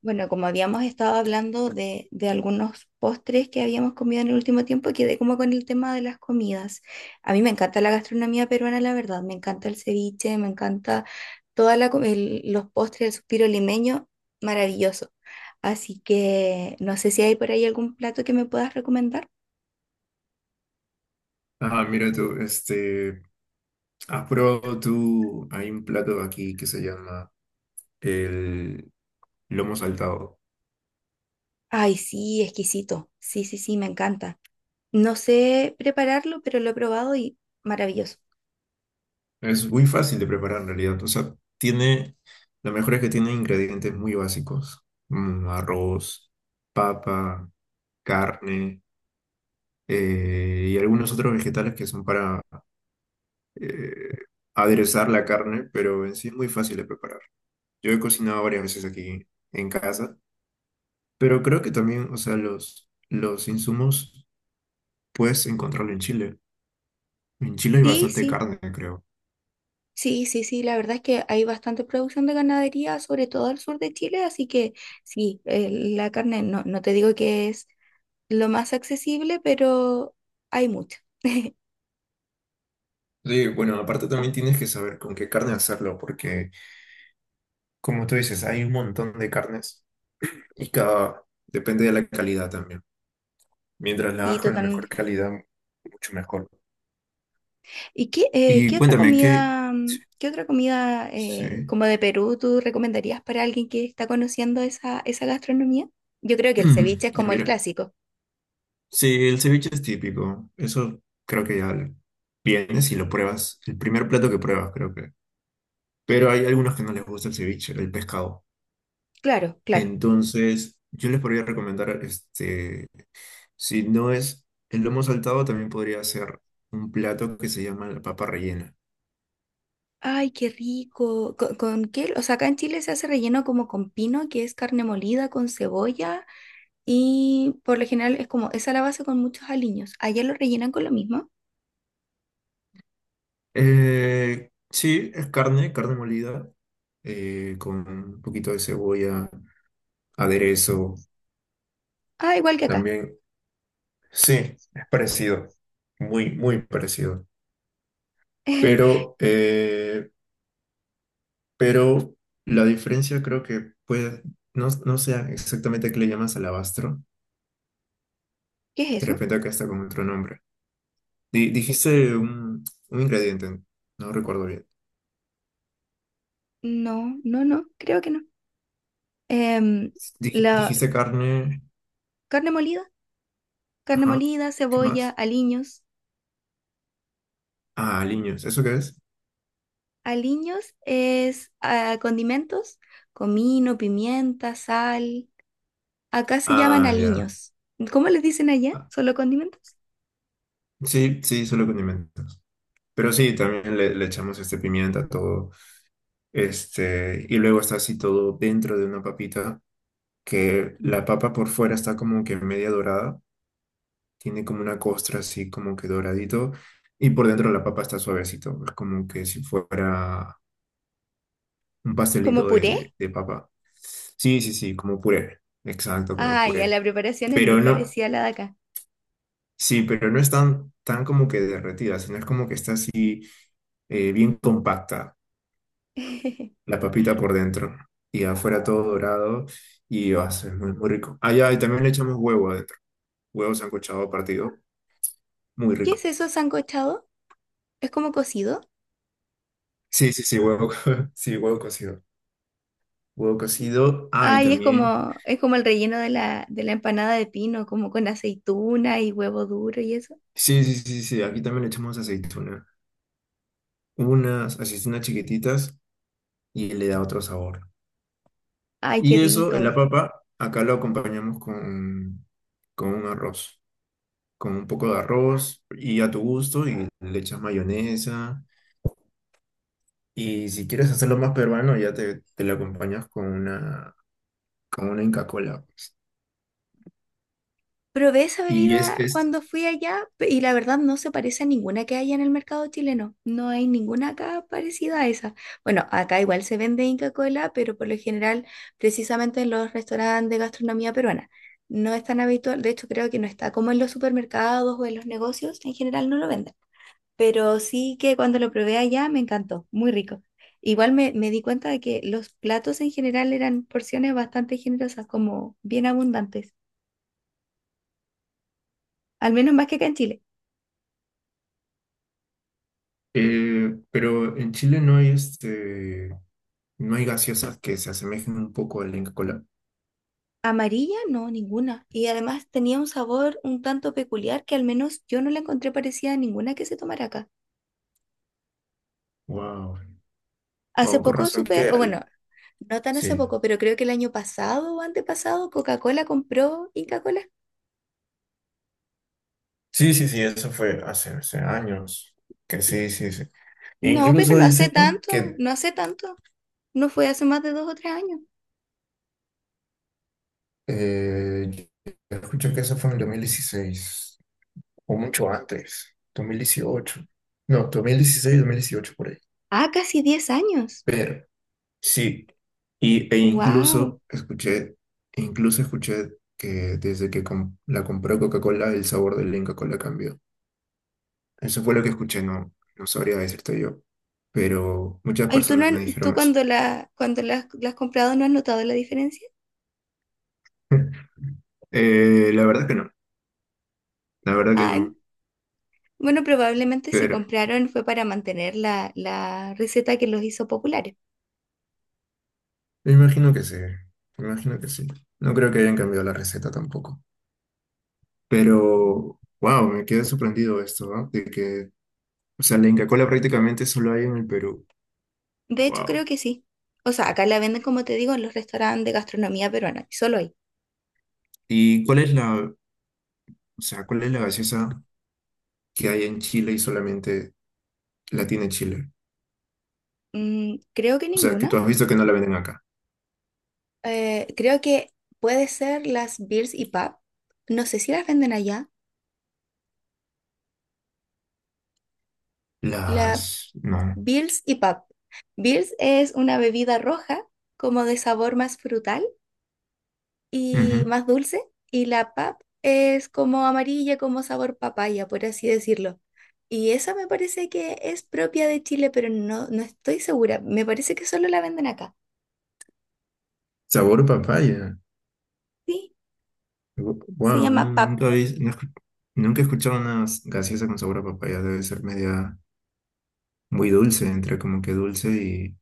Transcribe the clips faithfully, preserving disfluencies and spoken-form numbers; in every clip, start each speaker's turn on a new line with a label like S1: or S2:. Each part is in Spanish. S1: Bueno, como habíamos estado hablando de, de algunos postres que habíamos comido en el último tiempo, quedé como con el tema de las comidas. A mí me encanta la gastronomía peruana, la verdad. Me encanta el ceviche, me encanta toda la, co- el- los postres, el suspiro limeño, maravilloso. Así que no sé si hay por ahí algún plato que me puedas recomendar.
S2: Ah, mira tú, este, ¿has probado tú? Hay un plato aquí que se llama el lomo saltado.
S1: Ay, sí, exquisito. Sí, sí, sí, me encanta. No sé prepararlo, pero lo he probado y maravilloso.
S2: Es muy fácil de preparar en realidad. O sea, tiene, lo mejor es que tiene ingredientes muy básicos. Mm, arroz, papa, carne eh, y algunos otros vegetales que son para eh, aderezar la carne, pero en sí es muy fácil de preparar. Yo he cocinado varias veces aquí en casa, pero creo que también, o sea, los, los insumos puedes encontrarlo en Chile. En Chile hay
S1: Sí,
S2: bastante
S1: sí.
S2: carne, creo.
S1: Sí, sí, sí, la verdad es que hay bastante producción de ganadería, sobre todo al sur de Chile, así que sí, eh, la carne no, no te digo que es lo más accesible, pero hay mucha.
S2: Sí, bueno, aparte también tienes que saber con qué carne hacerlo, porque como tú dices, hay un montón de carnes y cada depende de la calidad también. Mientras la
S1: Sí,
S2: hagas con la mejor
S1: totalmente.
S2: calidad, mucho mejor.
S1: ¿Y qué, eh,
S2: Y
S1: qué otra
S2: cuéntame qué.
S1: comida, mm, qué otra comida eh,
S2: Sí.
S1: como de Perú tú recomendarías para alguien que está conociendo esa, esa gastronomía? Yo creo que el ceviche es
S2: Ya
S1: como el
S2: mira.
S1: clásico.
S2: Sí, el ceviche es típico. Eso creo que ya vienes y lo pruebas. El primer plato que pruebas, creo que. Pero hay algunos que no les gusta el ceviche, el pescado.
S1: Claro, claro.
S2: Entonces, yo les podría recomendar, este, si no es el lomo saltado, también podría ser un plato que se llama la papa rellena.
S1: Ay, qué rico. ¿Con, con qué? O sea, acá en Chile se hace relleno como con pino, que es carne molida con cebolla. Y por lo general es como esa la base con muchos aliños. Allá lo rellenan con lo mismo.
S2: Eh, sí, es carne, carne molida, eh, con un poquito de cebolla, aderezo
S1: Ah, igual que acá.
S2: también. Sí, es parecido, muy, muy parecido. Pero, eh, pero la diferencia creo que puede, no, no sé exactamente a qué le llamas alabastro,
S1: ¿Qué es
S2: de
S1: eso?
S2: repente acá está con otro nombre. Di- dijiste un, un ingrediente, no recuerdo bien.
S1: No, no, no, creo que no. Em,
S2: Dij-
S1: la
S2: dijiste carne,
S1: carne molida, carne
S2: ajá,
S1: molida,
S2: ¿qué
S1: cebolla,
S2: más?
S1: aliños.
S2: Ah, aliños, ¿eso qué es?
S1: Aliños es ah, condimentos, comino, pimienta, sal. Acá se llaman
S2: Ah, ya.
S1: aliños. ¿Cómo les dicen allá?
S2: Ah,
S1: ¿Solo condimentos?
S2: sí, sí, solo condimentos. Pero sí, también le, le echamos este pimienta a todo. Este, y luego está así todo dentro de una papita, que la papa por fuera está como que media dorada, tiene como una costra así como que doradito, y por dentro la papa está suavecito, es como que si fuera un
S1: ¿Como
S2: pastelito de,
S1: puré?
S2: de, de papa. Sí, sí, sí, como puré. Exacto, como
S1: Ah, ya
S2: puré.
S1: la preparación es muy
S2: Pero no,
S1: parecida a la de acá.
S2: sí, pero no es tan, tan como que derretida, sino es como que está así eh, bien compacta.
S1: ¿Qué
S2: La papita por dentro y afuera todo dorado y va a ser muy, muy rico. Ah, ya, y también le echamos huevo adentro, huevo sancochado partido, muy rico.
S1: es eso sancochado? ¿Es como cocido?
S2: Sí, sí, sí, huevo, co- sí, huevo cocido, huevo cocido, ah, y
S1: Ay, es
S2: también,
S1: como, es como el relleno de la, de la empanada de pino, como con aceituna y huevo duro y eso.
S2: sí, sí, sí, sí, aquí también le echamos aceituna, unas aceitunas chiquititas y le da otro sabor.
S1: Ay, qué
S2: Y eso,
S1: rico.
S2: la papa, acá lo acompañamos con, con un arroz, con un poco de arroz y a tu gusto y le echas mayonesa. Y si quieres hacerlo más peruano, ya te, te lo acompañas con una, con una Inca Kola, pues.
S1: Probé esa
S2: Y es,
S1: bebida
S2: es
S1: cuando fui allá pe- y la verdad no se parece a ninguna que haya en el mercado chileno. No hay ninguna acá parecida a esa. Bueno, acá igual se vende Inca Kola, pero por lo general precisamente en los restaurantes de gastronomía peruana. No es tan habitual, de hecho creo que no está como en los supermercados o en los negocios, en general no lo venden. Pero sí que cuando lo probé allá me encantó, muy rico. Igual me, me di cuenta de que los platos en general eran porciones bastante generosas, como bien abundantes, al menos más que acá en Chile.
S2: eh, pero en Chile no hay este, no hay gaseosas que se asemejen un poco a la Inca Kola.
S1: Amarilla, no, ninguna. Y además tenía un sabor un tanto peculiar que al menos yo no la encontré parecida a ninguna que se tomara acá.
S2: Wow.
S1: Hace
S2: Wow, con
S1: poco
S2: razón
S1: supe,
S2: que
S1: o bueno,
S2: al-
S1: no tan hace
S2: sí.
S1: poco, pero creo que el año pasado o antepasado Coca-Cola compró Inca-Cola.
S2: Sí, sí, sí, eso fue hace, hace años. Que sí, sí, sí. E
S1: No, pero
S2: incluso
S1: no hace
S2: dicen
S1: tanto,
S2: que
S1: no hace tanto. No fue hace más de dos o tres años.
S2: eh, escucho que eso fue en el dos mil dieciséis, o mucho antes, dos mil dieciocho. No, dos mil dieciséis, dos mil dieciocho por ahí.
S1: Ah, casi diez años.
S2: Pero sí, y, e
S1: Wow.
S2: incluso escuché, incluso escuché que desde que com- la compró Coca-Cola, el sabor del Inca-Cola cambió. Eso fue lo que escuché, no, no sabría decirte yo, pero muchas
S1: Ay, ¿tú, no,
S2: personas me
S1: han- tú
S2: dijeron eso.
S1: cuando la, cuando la, la has comprado, ¿no has notado la diferencia?
S2: Eh, la verdad que no, la verdad que
S1: Ah,
S2: no,
S1: bueno, probablemente si
S2: pero
S1: compraron fue para mantener la, la receta que los hizo populares.
S2: me imagino que sí, me imagino que sí. No creo que hayan cambiado la receta tampoco. Pero, wow, me quedé sorprendido esto, ¿ah? De que, o sea, la Inca Kola prácticamente solo hay en el Perú.
S1: De hecho, creo
S2: Wow.
S1: que sí. O sea, acá la venden, como te digo, en los restaurantes de gastronomía peruana, y solo ahí.
S2: ¿Y cuál es la, o sea, cuál es la gaseosa que hay en Chile y solamente la tiene Chile?
S1: Mm, creo que
S2: O sea, que tú
S1: ninguna.
S2: has visto que no la venden acá.
S1: Eh, creo que puede ser las Beers y Pub. No sé si las venden allá. La,
S2: Las, no.
S1: Bills y Pub. Bills es una bebida roja, como de sabor más frutal y
S2: Ujú.
S1: más dulce, y la Pub es como amarilla, como sabor papaya, por así decirlo. Y esa me parece que es propia de Chile, pero no, no estoy segura. Me parece que solo la venden acá.
S2: Sabor papaya.
S1: Sí, se
S2: Wow,
S1: llama
S2: nunca
S1: P A P.
S2: habéis- no escu- nunca he escuchado una gaseosa con sabor a papaya. Debe ser media muy dulce, entre como que dulce y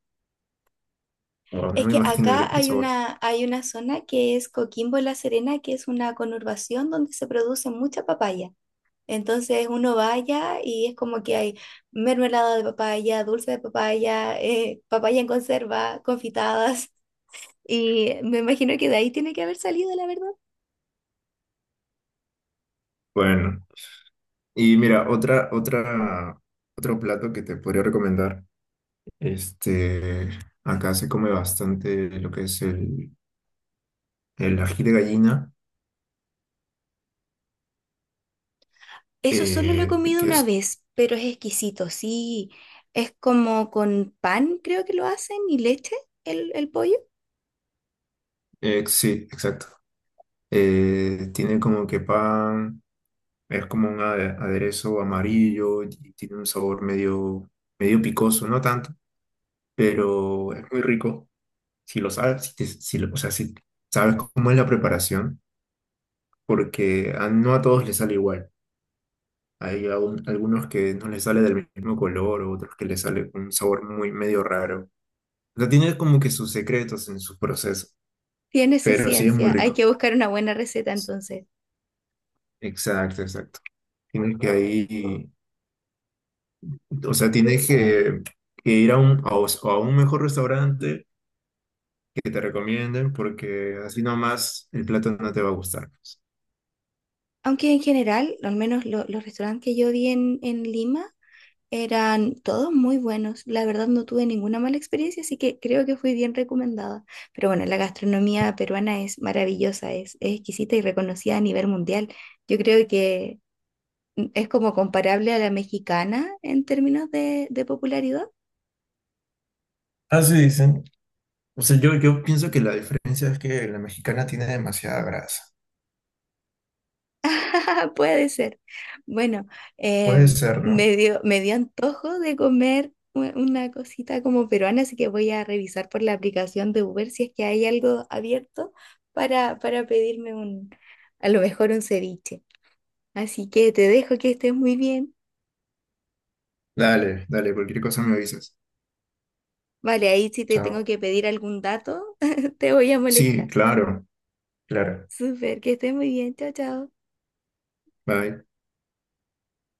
S2: guau, no
S1: Es
S2: me
S1: que
S2: imagino el,
S1: acá
S2: el
S1: hay
S2: sabor.
S1: una, hay una zona que es Coquimbo y La Serena, que es una conurbación donde se produce mucha papaya. Entonces uno vaya y es como que hay mermelada de papaya, dulce de papaya, eh, papaya en conserva, confitadas. Y me imagino que de ahí tiene que haber salido, la verdad.
S2: Bueno, y mira, otra, otra, otro plato que te podría recomendar. Este, acá se come bastante lo que es el el ají de gallina,
S1: Eso solo lo he
S2: eh,
S1: comido
S2: que
S1: una
S2: es,
S1: vez, pero es exquisito, sí. Es como con pan, creo que lo hacen, y leche, el, el pollo.
S2: eh, sí, exacto. Eh, tiene como que pan, es como un ade- aderezo amarillo y tiene un sabor medio, medio picoso, no tanto, pero es muy rico. Si lo sabes, si, te- si lo- o sea, si sabes cómo es la preparación, porque a- no a todos les sale igual. Hay aún- algunos que no les sale del mismo color, otros que les sale un sabor muy medio raro. O sea, tiene como que sus secretos en su proceso,
S1: Tiene su
S2: pero sí es muy
S1: ciencia, hay
S2: rico.
S1: que buscar una buena receta entonces.
S2: Exacto, exacto. Tienes que ahí, o sea, tienes que, que ir a un, a, os- a un mejor restaurante que te recomienden porque así nomás el plato no te va a gustar, pues.
S1: Aunque en general, al menos lo- los restaurantes que yo vi en, en Lima, eran todos muy buenos. La verdad no tuve ninguna mala experiencia, así que creo que fui bien recomendada. Pero bueno, la gastronomía peruana es maravillosa, es, es exquisita y reconocida a nivel mundial. Yo creo que mm, es como comparable a la mexicana en términos de, de popularidad.
S2: Así dicen. O sea, yo, yo pienso que la diferencia es que la mexicana tiene demasiada grasa.
S1: Puede ser. Bueno,
S2: Puede
S1: em,
S2: ser, ¿no?
S1: me dio, me dio antojo de comer u- una cosita como peruana, así que voy a revisar por la aplicación de Uber si es que hay algo abierto para, para pedirme un, a lo mejor un ceviche. Así que te dejo que estés muy bien.
S2: Dale, dale, cualquier cosa me avisas.
S1: Vale, ahí si te tengo
S2: Chao.
S1: que pedir algún dato, te voy a
S2: Sí,
S1: molestar.
S2: claro, claro.
S1: Súper, que estés muy bien. Chao, chao.
S2: Bye.